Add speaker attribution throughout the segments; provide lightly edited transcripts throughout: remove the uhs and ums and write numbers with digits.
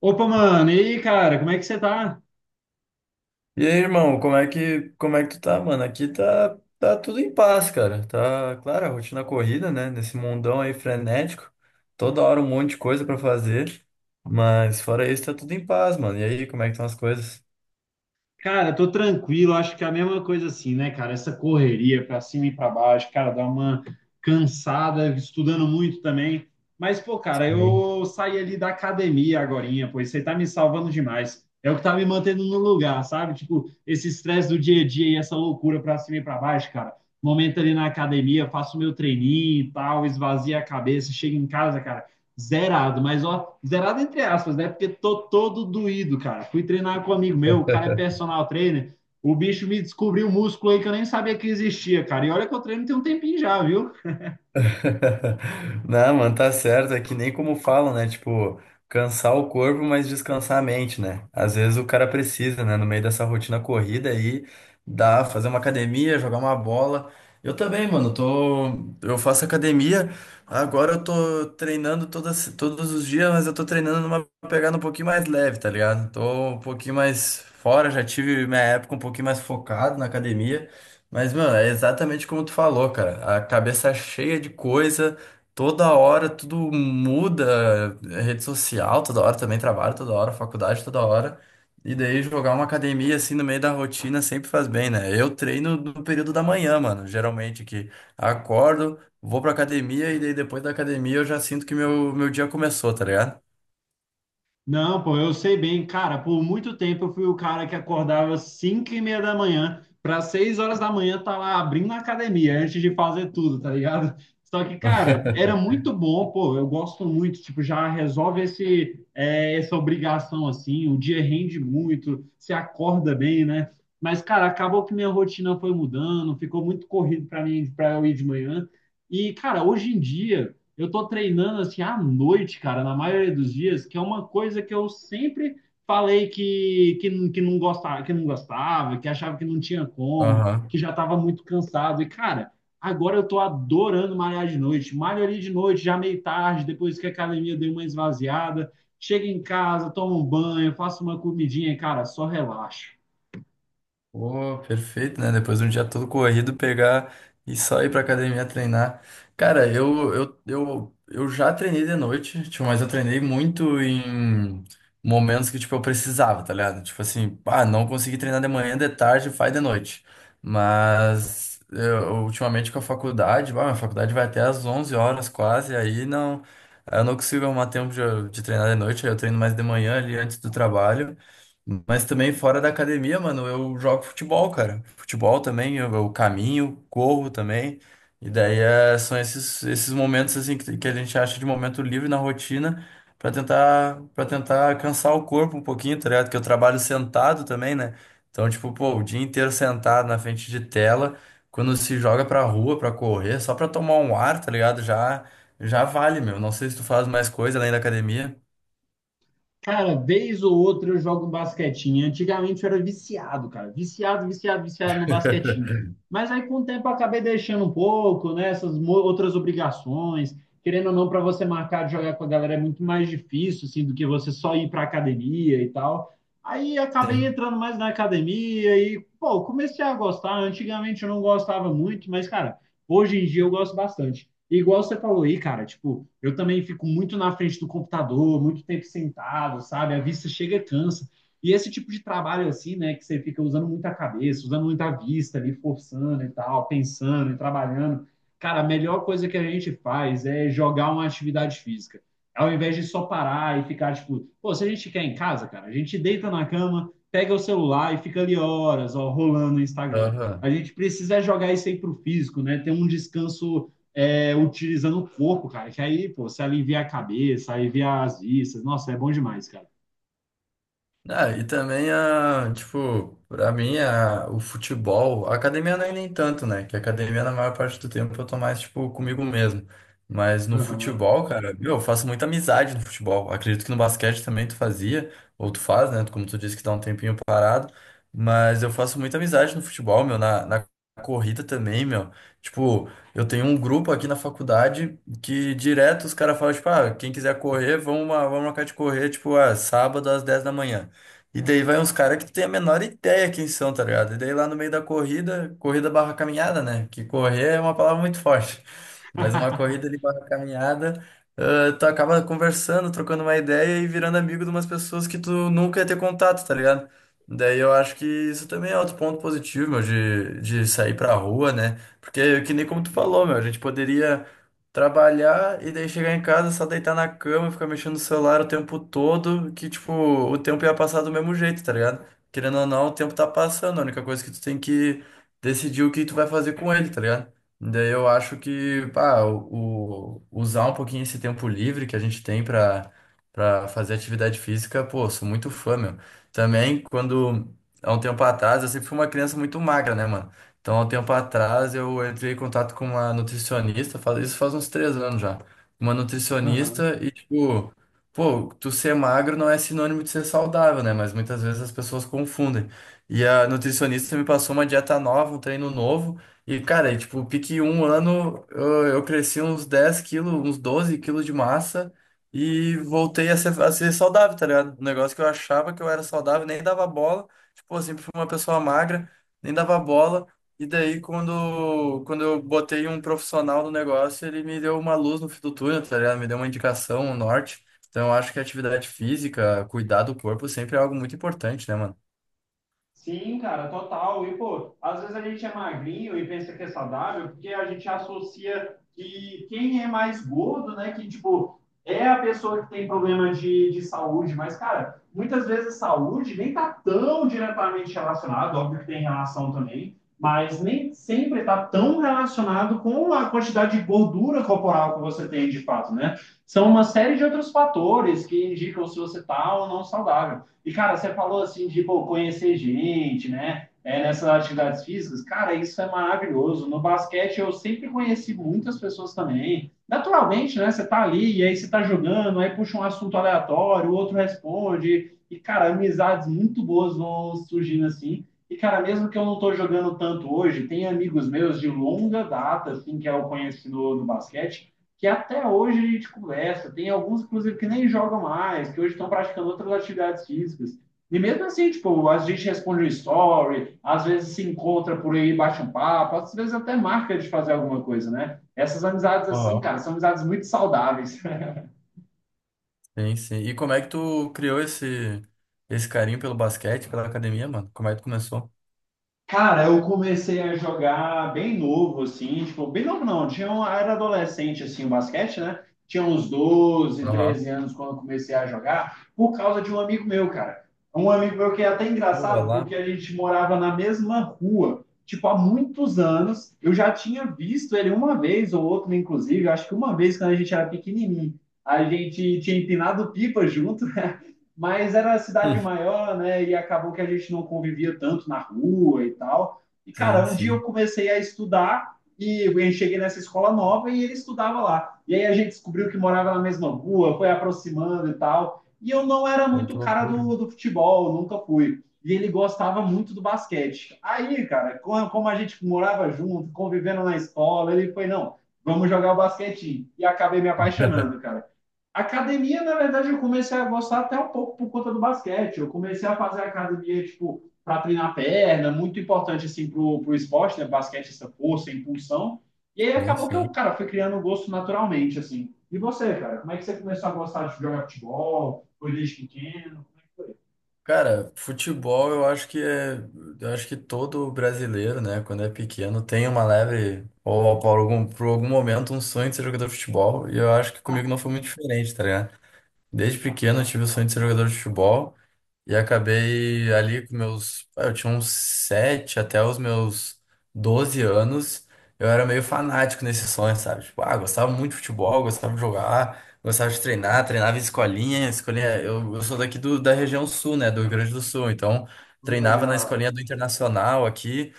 Speaker 1: Opa, mano, e aí, cara, como é que você tá?
Speaker 2: E aí, irmão, como é que tu tá, mano? Aqui tá tudo em paz, cara. Tá, claro, a rotina corrida, né? Nesse mundão aí frenético. Toda hora um monte de coisa pra fazer. Mas fora isso, tá tudo em paz, mano. E aí, como é que estão as coisas?
Speaker 1: Cara, tô tranquilo, acho que é a mesma coisa assim, né, cara? Essa correria pra cima e pra baixo, cara, dá uma cansada, estudando muito também. Mas, pô, cara,
Speaker 2: Sim.
Speaker 1: eu saí ali da academia agorinha, pois você tá me salvando demais. É o que tá me mantendo no lugar, sabe? Tipo, esse estresse do dia a dia e essa loucura pra cima e pra baixo, cara. Momento ali na academia, faço meu treininho e tal, esvazia a cabeça, chego em casa, cara. Zerado, mas ó, zerado entre aspas, né? Porque tô todo doído, cara. Fui treinar com um amigo meu, o cara é personal trainer. O bicho me descobriu um músculo aí que eu nem sabia que existia, cara. E olha que eu treino tem um tempinho já, viu?
Speaker 2: Não, mano, tá certo. É que nem como falam, né? Tipo, cansar o corpo, mas descansar a mente, né? Às vezes o cara precisa, né? No meio dessa rotina corrida aí, dá, fazer uma academia, jogar uma bola. Eu também, mano, tô, eu faço academia. Agora eu tô treinando todos os dias, mas eu tô treinando numa pegada um pouquinho mais leve, tá ligado? Tô um pouquinho mais fora, já tive minha época um pouquinho mais focado na academia. Mas, mano, é exatamente como tu falou, cara. A cabeça cheia de coisa, toda hora tudo muda, é rede social, toda hora também trabalho, toda hora faculdade, toda hora. E daí jogar uma academia assim no meio da rotina sempre faz bem, né? Eu treino no período da manhã, mano. Geralmente que acordo, vou pra academia e daí depois da academia eu já sinto que meu dia começou, tá ligado?
Speaker 1: Não, pô, eu sei bem, cara, por muito tempo eu fui o cara que acordava às 5 e meia da manhã para 6h da manhã, tá lá abrindo a academia antes de fazer tudo, tá ligado? Só que, cara, era muito bom, pô, eu gosto muito, tipo, já resolve essa obrigação, assim, o dia rende muito, você acorda bem, né? Mas, cara, acabou que minha rotina foi mudando, ficou muito corrido para mim, para eu ir de manhã. E, cara, hoje em dia eu tô treinando assim à noite, cara, na maioria dos dias, que é uma coisa que eu sempre falei que não gostava, que achava que não tinha como,
Speaker 2: Aham.
Speaker 1: que já estava muito cansado. E, cara, agora eu tô adorando malhar de noite. Malho ali de noite, já meio tarde, depois que a academia deu uma esvaziada. Chego em casa, tomo um banho, faço uma comidinha, e, cara, só relaxo.
Speaker 2: Pô, perfeito, né? Depois de um dia todo corrido, pegar e só ir pra academia treinar. Cara, eu já treinei de noite, tipo, mas eu treinei muito em momentos que, tipo, eu precisava, tá ligado? Tipo assim, ah, não consegui treinar de manhã, de tarde, faz de noite. Mas eu, ultimamente com a faculdade, bah, minha faculdade vai até às 11 horas quase, aí não, eu não consigo arrumar tempo de, treinar de noite, aí eu treino mais de manhã ali antes do trabalho. Mas também fora da academia, mano, eu jogo futebol, cara. Futebol também, eu caminho, corro também. E daí são esses momentos assim que a gente acha de momento livre na rotina pra tentar para tentar cansar o corpo um pouquinho, tá ligado? Que eu trabalho sentado também, né? Então, tipo, pô, o dia inteiro sentado na frente de tela, quando se joga pra rua pra correr, só pra tomar um ar, tá ligado? Já já vale, meu. Não sei se tu faz mais coisa além da academia.
Speaker 1: Cara, vez ou outra eu jogo um basquetinho. Antigamente eu era viciado, cara. Viciado, viciado, viciado no basquetinho. Mas aí com o tempo eu acabei deixando um pouco, né? Outras obrigações. Querendo ou não, para você marcar de jogar com a galera é muito mais difícil, assim, do que você só ir para academia e tal. Aí acabei
Speaker 2: Sim.
Speaker 1: entrando mais na academia e, pô, comecei a gostar. Antigamente eu não gostava muito, mas, cara, hoje em dia eu gosto bastante. E igual você falou aí, cara, tipo, eu também fico muito na frente do computador, muito tempo sentado, sabe? A vista chega e cansa. E esse tipo de trabalho assim, né, que você fica usando muita cabeça, usando muita vista ali, forçando e tal, pensando e trabalhando. Cara, a melhor coisa que a gente faz é jogar uma atividade física. Ao invés de só parar e ficar, tipo, pô, se a gente quer em casa, cara, a gente deita na cama, pega o celular e fica ali horas, ó, rolando no Instagram. A
Speaker 2: Aham.
Speaker 1: gente precisa jogar isso aí pro físico, né? Ter um descanso é, utilizando o corpo, cara. Que aí, pô, você alivia a cabeça, alivia as vistas. Nossa, é bom demais, cara.
Speaker 2: Ah, e também a, tipo, pra mim a, o futebol, a academia não é nem tanto, né? Que a academia na maior parte do tempo eu tô mais, tipo, comigo mesmo. Mas no
Speaker 1: Aham.
Speaker 2: futebol, cara, meu, eu faço muita amizade no futebol. Acredito que no basquete também tu fazia, ou tu faz, né? Como tu disse que tá um tempinho parado. Mas eu faço muita amizade no futebol, meu, na, corrida também, meu. Tipo, eu tenho um grupo aqui na faculdade que direto os caras falam, tipo, ah, quem quiser correr, vamos marcar de correr, tipo, ah, sábado às 10 da manhã. E daí vai uns caras que tu tem a menor ideia quem são, tá ligado? E daí lá no meio da corrida, corrida barra caminhada, né? Que correr é uma palavra muito forte. Mas uma corrida de barra caminhada, ah, tu acaba conversando, trocando uma ideia e virando amigo de umas pessoas que tu nunca ia ter contato, tá ligado? Daí eu acho que isso também é outro ponto positivo, meu, de, sair pra rua, né? Porque que nem como tu falou, meu, a gente poderia. Trabalhar e daí chegar em casa, só deitar na cama, ficar mexendo no celular o tempo todo, que, tipo, o tempo ia passar do mesmo jeito, tá ligado? Querendo ou não, o tempo tá passando, a única coisa que tu tem que decidir o que tu vai fazer com ele, tá ligado? Daí eu acho que, pá, o, usar um pouquinho esse tempo livre que a gente tem pra fazer atividade física, pô, sou muito fã, meu. Também, quando, há um tempo atrás, eu sempre fui uma criança muito magra, né, mano? Então, há um tempo atrás, eu entrei em contato com uma nutricionista, faz, isso faz uns 3 anos já. Uma nutricionista e, tipo, pô, tu ser magro não é sinônimo de ser saudável, né? Mas muitas vezes as pessoas confundem. E a nutricionista me passou uma dieta nova, um treino novo. E, cara, e, tipo, pique um ano, eu cresci uns 10 quilos, uns 12 quilos de massa e voltei a ser, saudável, tá ligado? Um negócio que eu achava que eu era saudável, nem dava bola. Tipo, eu sempre fui uma pessoa magra, nem dava bola. E daí, quando eu botei um profissional no negócio, ele me deu uma luz no fim do túnel, tá ligado? Me deu uma indicação, um norte. Então, eu acho que atividade física, cuidar do corpo sempre é algo muito importante, né, mano?
Speaker 1: Sim, cara, total. E, pô, às vezes a gente é magrinho e pensa que é saudável, porque a gente associa que quem é mais gordo, né, que, tipo, é a pessoa que tem problema de saúde. Mas, cara, muitas vezes saúde nem tá tão diretamente relacionado, óbvio que tem relação também, mas nem sempre tá tão relacionado com a quantidade de gordura corporal que você tem, de fato, né? São uma série de outros fatores que indicam se você tá ou não saudável. E, cara, você falou assim de pô, conhecer gente, né? É, nessas atividades físicas, cara, isso é maravilhoso. No basquete eu sempre conheci muitas pessoas também. Naturalmente, né? Você tá ali, e aí você tá jogando, aí puxa um assunto aleatório, o outro responde. E, cara, amizades muito boas vão surgindo assim. E, cara, mesmo que eu não tô jogando tanto hoje, tem amigos meus de longa data, assim, que eu conheci no basquete, que até hoje a gente conversa. Tem alguns, inclusive, que nem jogam mais, que hoje estão praticando outras atividades físicas. E mesmo assim, tipo, a gente responde um story, às vezes se encontra por aí, bate um papo, às vezes até marca de fazer alguma coisa, né? Essas amizades assim,
Speaker 2: Aham.
Speaker 1: cara, são amizades muito saudáveis.
Speaker 2: Sim, sim. E como é que tu criou esse, carinho pelo basquete, pela academia, mano? Como é que tu começou?
Speaker 1: Cara, eu comecei a jogar bem novo, assim, tipo, bem novo não, tinha um, era adolescente, assim, o basquete, né? Tinha uns doze,
Speaker 2: Aham.
Speaker 1: treze anos quando eu comecei a jogar, por causa de um amigo meu, cara. Um amigo meu que é até
Speaker 2: Pô, vai
Speaker 1: engraçado,
Speaker 2: lá.
Speaker 1: porque a gente morava na mesma rua, tipo, há muitos anos. Eu já tinha visto ele uma vez ou outra, inclusive, acho que uma vez quando a gente era pequenininho. A gente tinha empinado pipa junto, mas era uma cidade
Speaker 2: Hum,
Speaker 1: maior, né? E acabou que a gente não convivia tanto na rua e tal. E,
Speaker 2: Sim,
Speaker 1: cara, um dia eu
Speaker 2: sim.
Speaker 1: comecei a estudar e eu cheguei nessa escola nova e ele estudava lá. E aí a gente descobriu que morava na mesma rua, foi aproximando e tal. E eu não era
Speaker 2: Pô, que
Speaker 1: muito cara
Speaker 2: loucura.
Speaker 1: do futebol, nunca fui. E ele gostava muito do basquete. Aí, cara, como a gente morava junto, convivendo na escola, ele foi, não, vamos jogar o basquetinho. E acabei me apaixonando, cara. Academia, na verdade, eu comecei a gostar até um pouco por conta do basquete. Eu comecei a fazer academia, tipo, para treinar perna, muito importante, assim, pro esporte, né? Basquete, essa força, impulsão. E aí
Speaker 2: Sim,
Speaker 1: acabou que eu,
Speaker 2: sim.
Speaker 1: cara, fui criando um gosto naturalmente, assim. E você, cara? Como é que você começou a gostar de jogar futebol? Foi desde pequeno? Como é que foi?
Speaker 2: Cara, futebol eu acho que é, eu acho que todo brasileiro, né, quando é pequeno, tem uma leve, ou por algum momento, um sonho de ser jogador de futebol, e eu acho que comigo não foi muito diferente, tá ligado? Desde pequeno eu tive o sonho de ser jogador de futebol, e acabei ali Eu tinha uns 7 até os meus 12 anos. Eu era meio fanático nesse sonho, sabe? Tipo, ah, gostava muito de futebol, gostava de jogar, gostava de treinar, treinava em escolinha. Eu sou daqui do, da região sul, né? Do Rio Grande do Sul. Então,
Speaker 1: Foi
Speaker 2: treinava na
Speaker 1: legal.
Speaker 2: escolinha do Internacional aqui.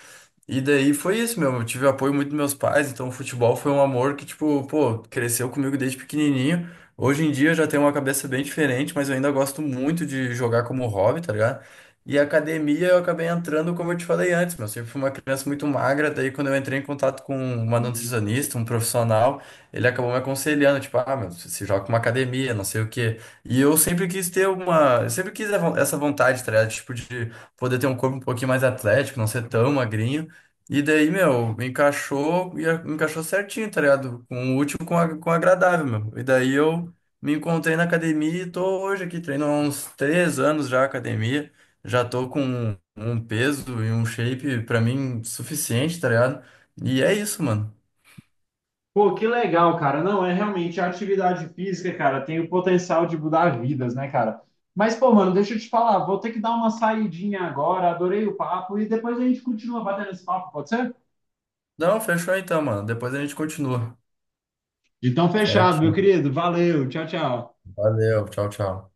Speaker 2: E daí foi isso, meu. Eu tive apoio muito dos meus pais, então o futebol foi um amor que, tipo, pô, cresceu comigo desde pequenininho. Hoje em dia eu já tenho uma cabeça bem diferente, mas eu ainda gosto muito de jogar como hobby, tá ligado? E a academia eu acabei entrando, como eu te falei antes, meu. Eu sempre fui uma criança muito magra, daí quando eu entrei em contato com uma nutricionista, um profissional, ele acabou me aconselhando, tipo, ah, meu, se joga com uma academia, não sei o quê. E eu sempre quis ter uma. Eu sempre quis essa vontade, tá ligado? Tipo, de poder ter um corpo um pouquinho mais atlético, não ser tão magrinho. E daí, meu, encaixou, encaixou certinho, tá ligado? Com o útil com, a- com o agradável, meu. E daí eu me encontrei na academia e tô hoje aqui, treino há uns 3 anos já academia. Já tô com um peso e um shape pra mim suficiente, tá ligado? E é isso, mano.
Speaker 1: Pô, que legal, cara. Não, é realmente a atividade física, cara, tem o potencial de mudar vidas, né, cara? Mas, pô, mano, deixa eu te falar, vou ter que dar uma saidinha agora, adorei o papo, e depois a gente continua batendo esse papo, pode ser?
Speaker 2: Não, fechou então, mano. Depois a gente continua.
Speaker 1: Então, fechado, meu
Speaker 2: Certinho.
Speaker 1: querido. Valeu, tchau, tchau.
Speaker 2: Valeu, tchau, tchau.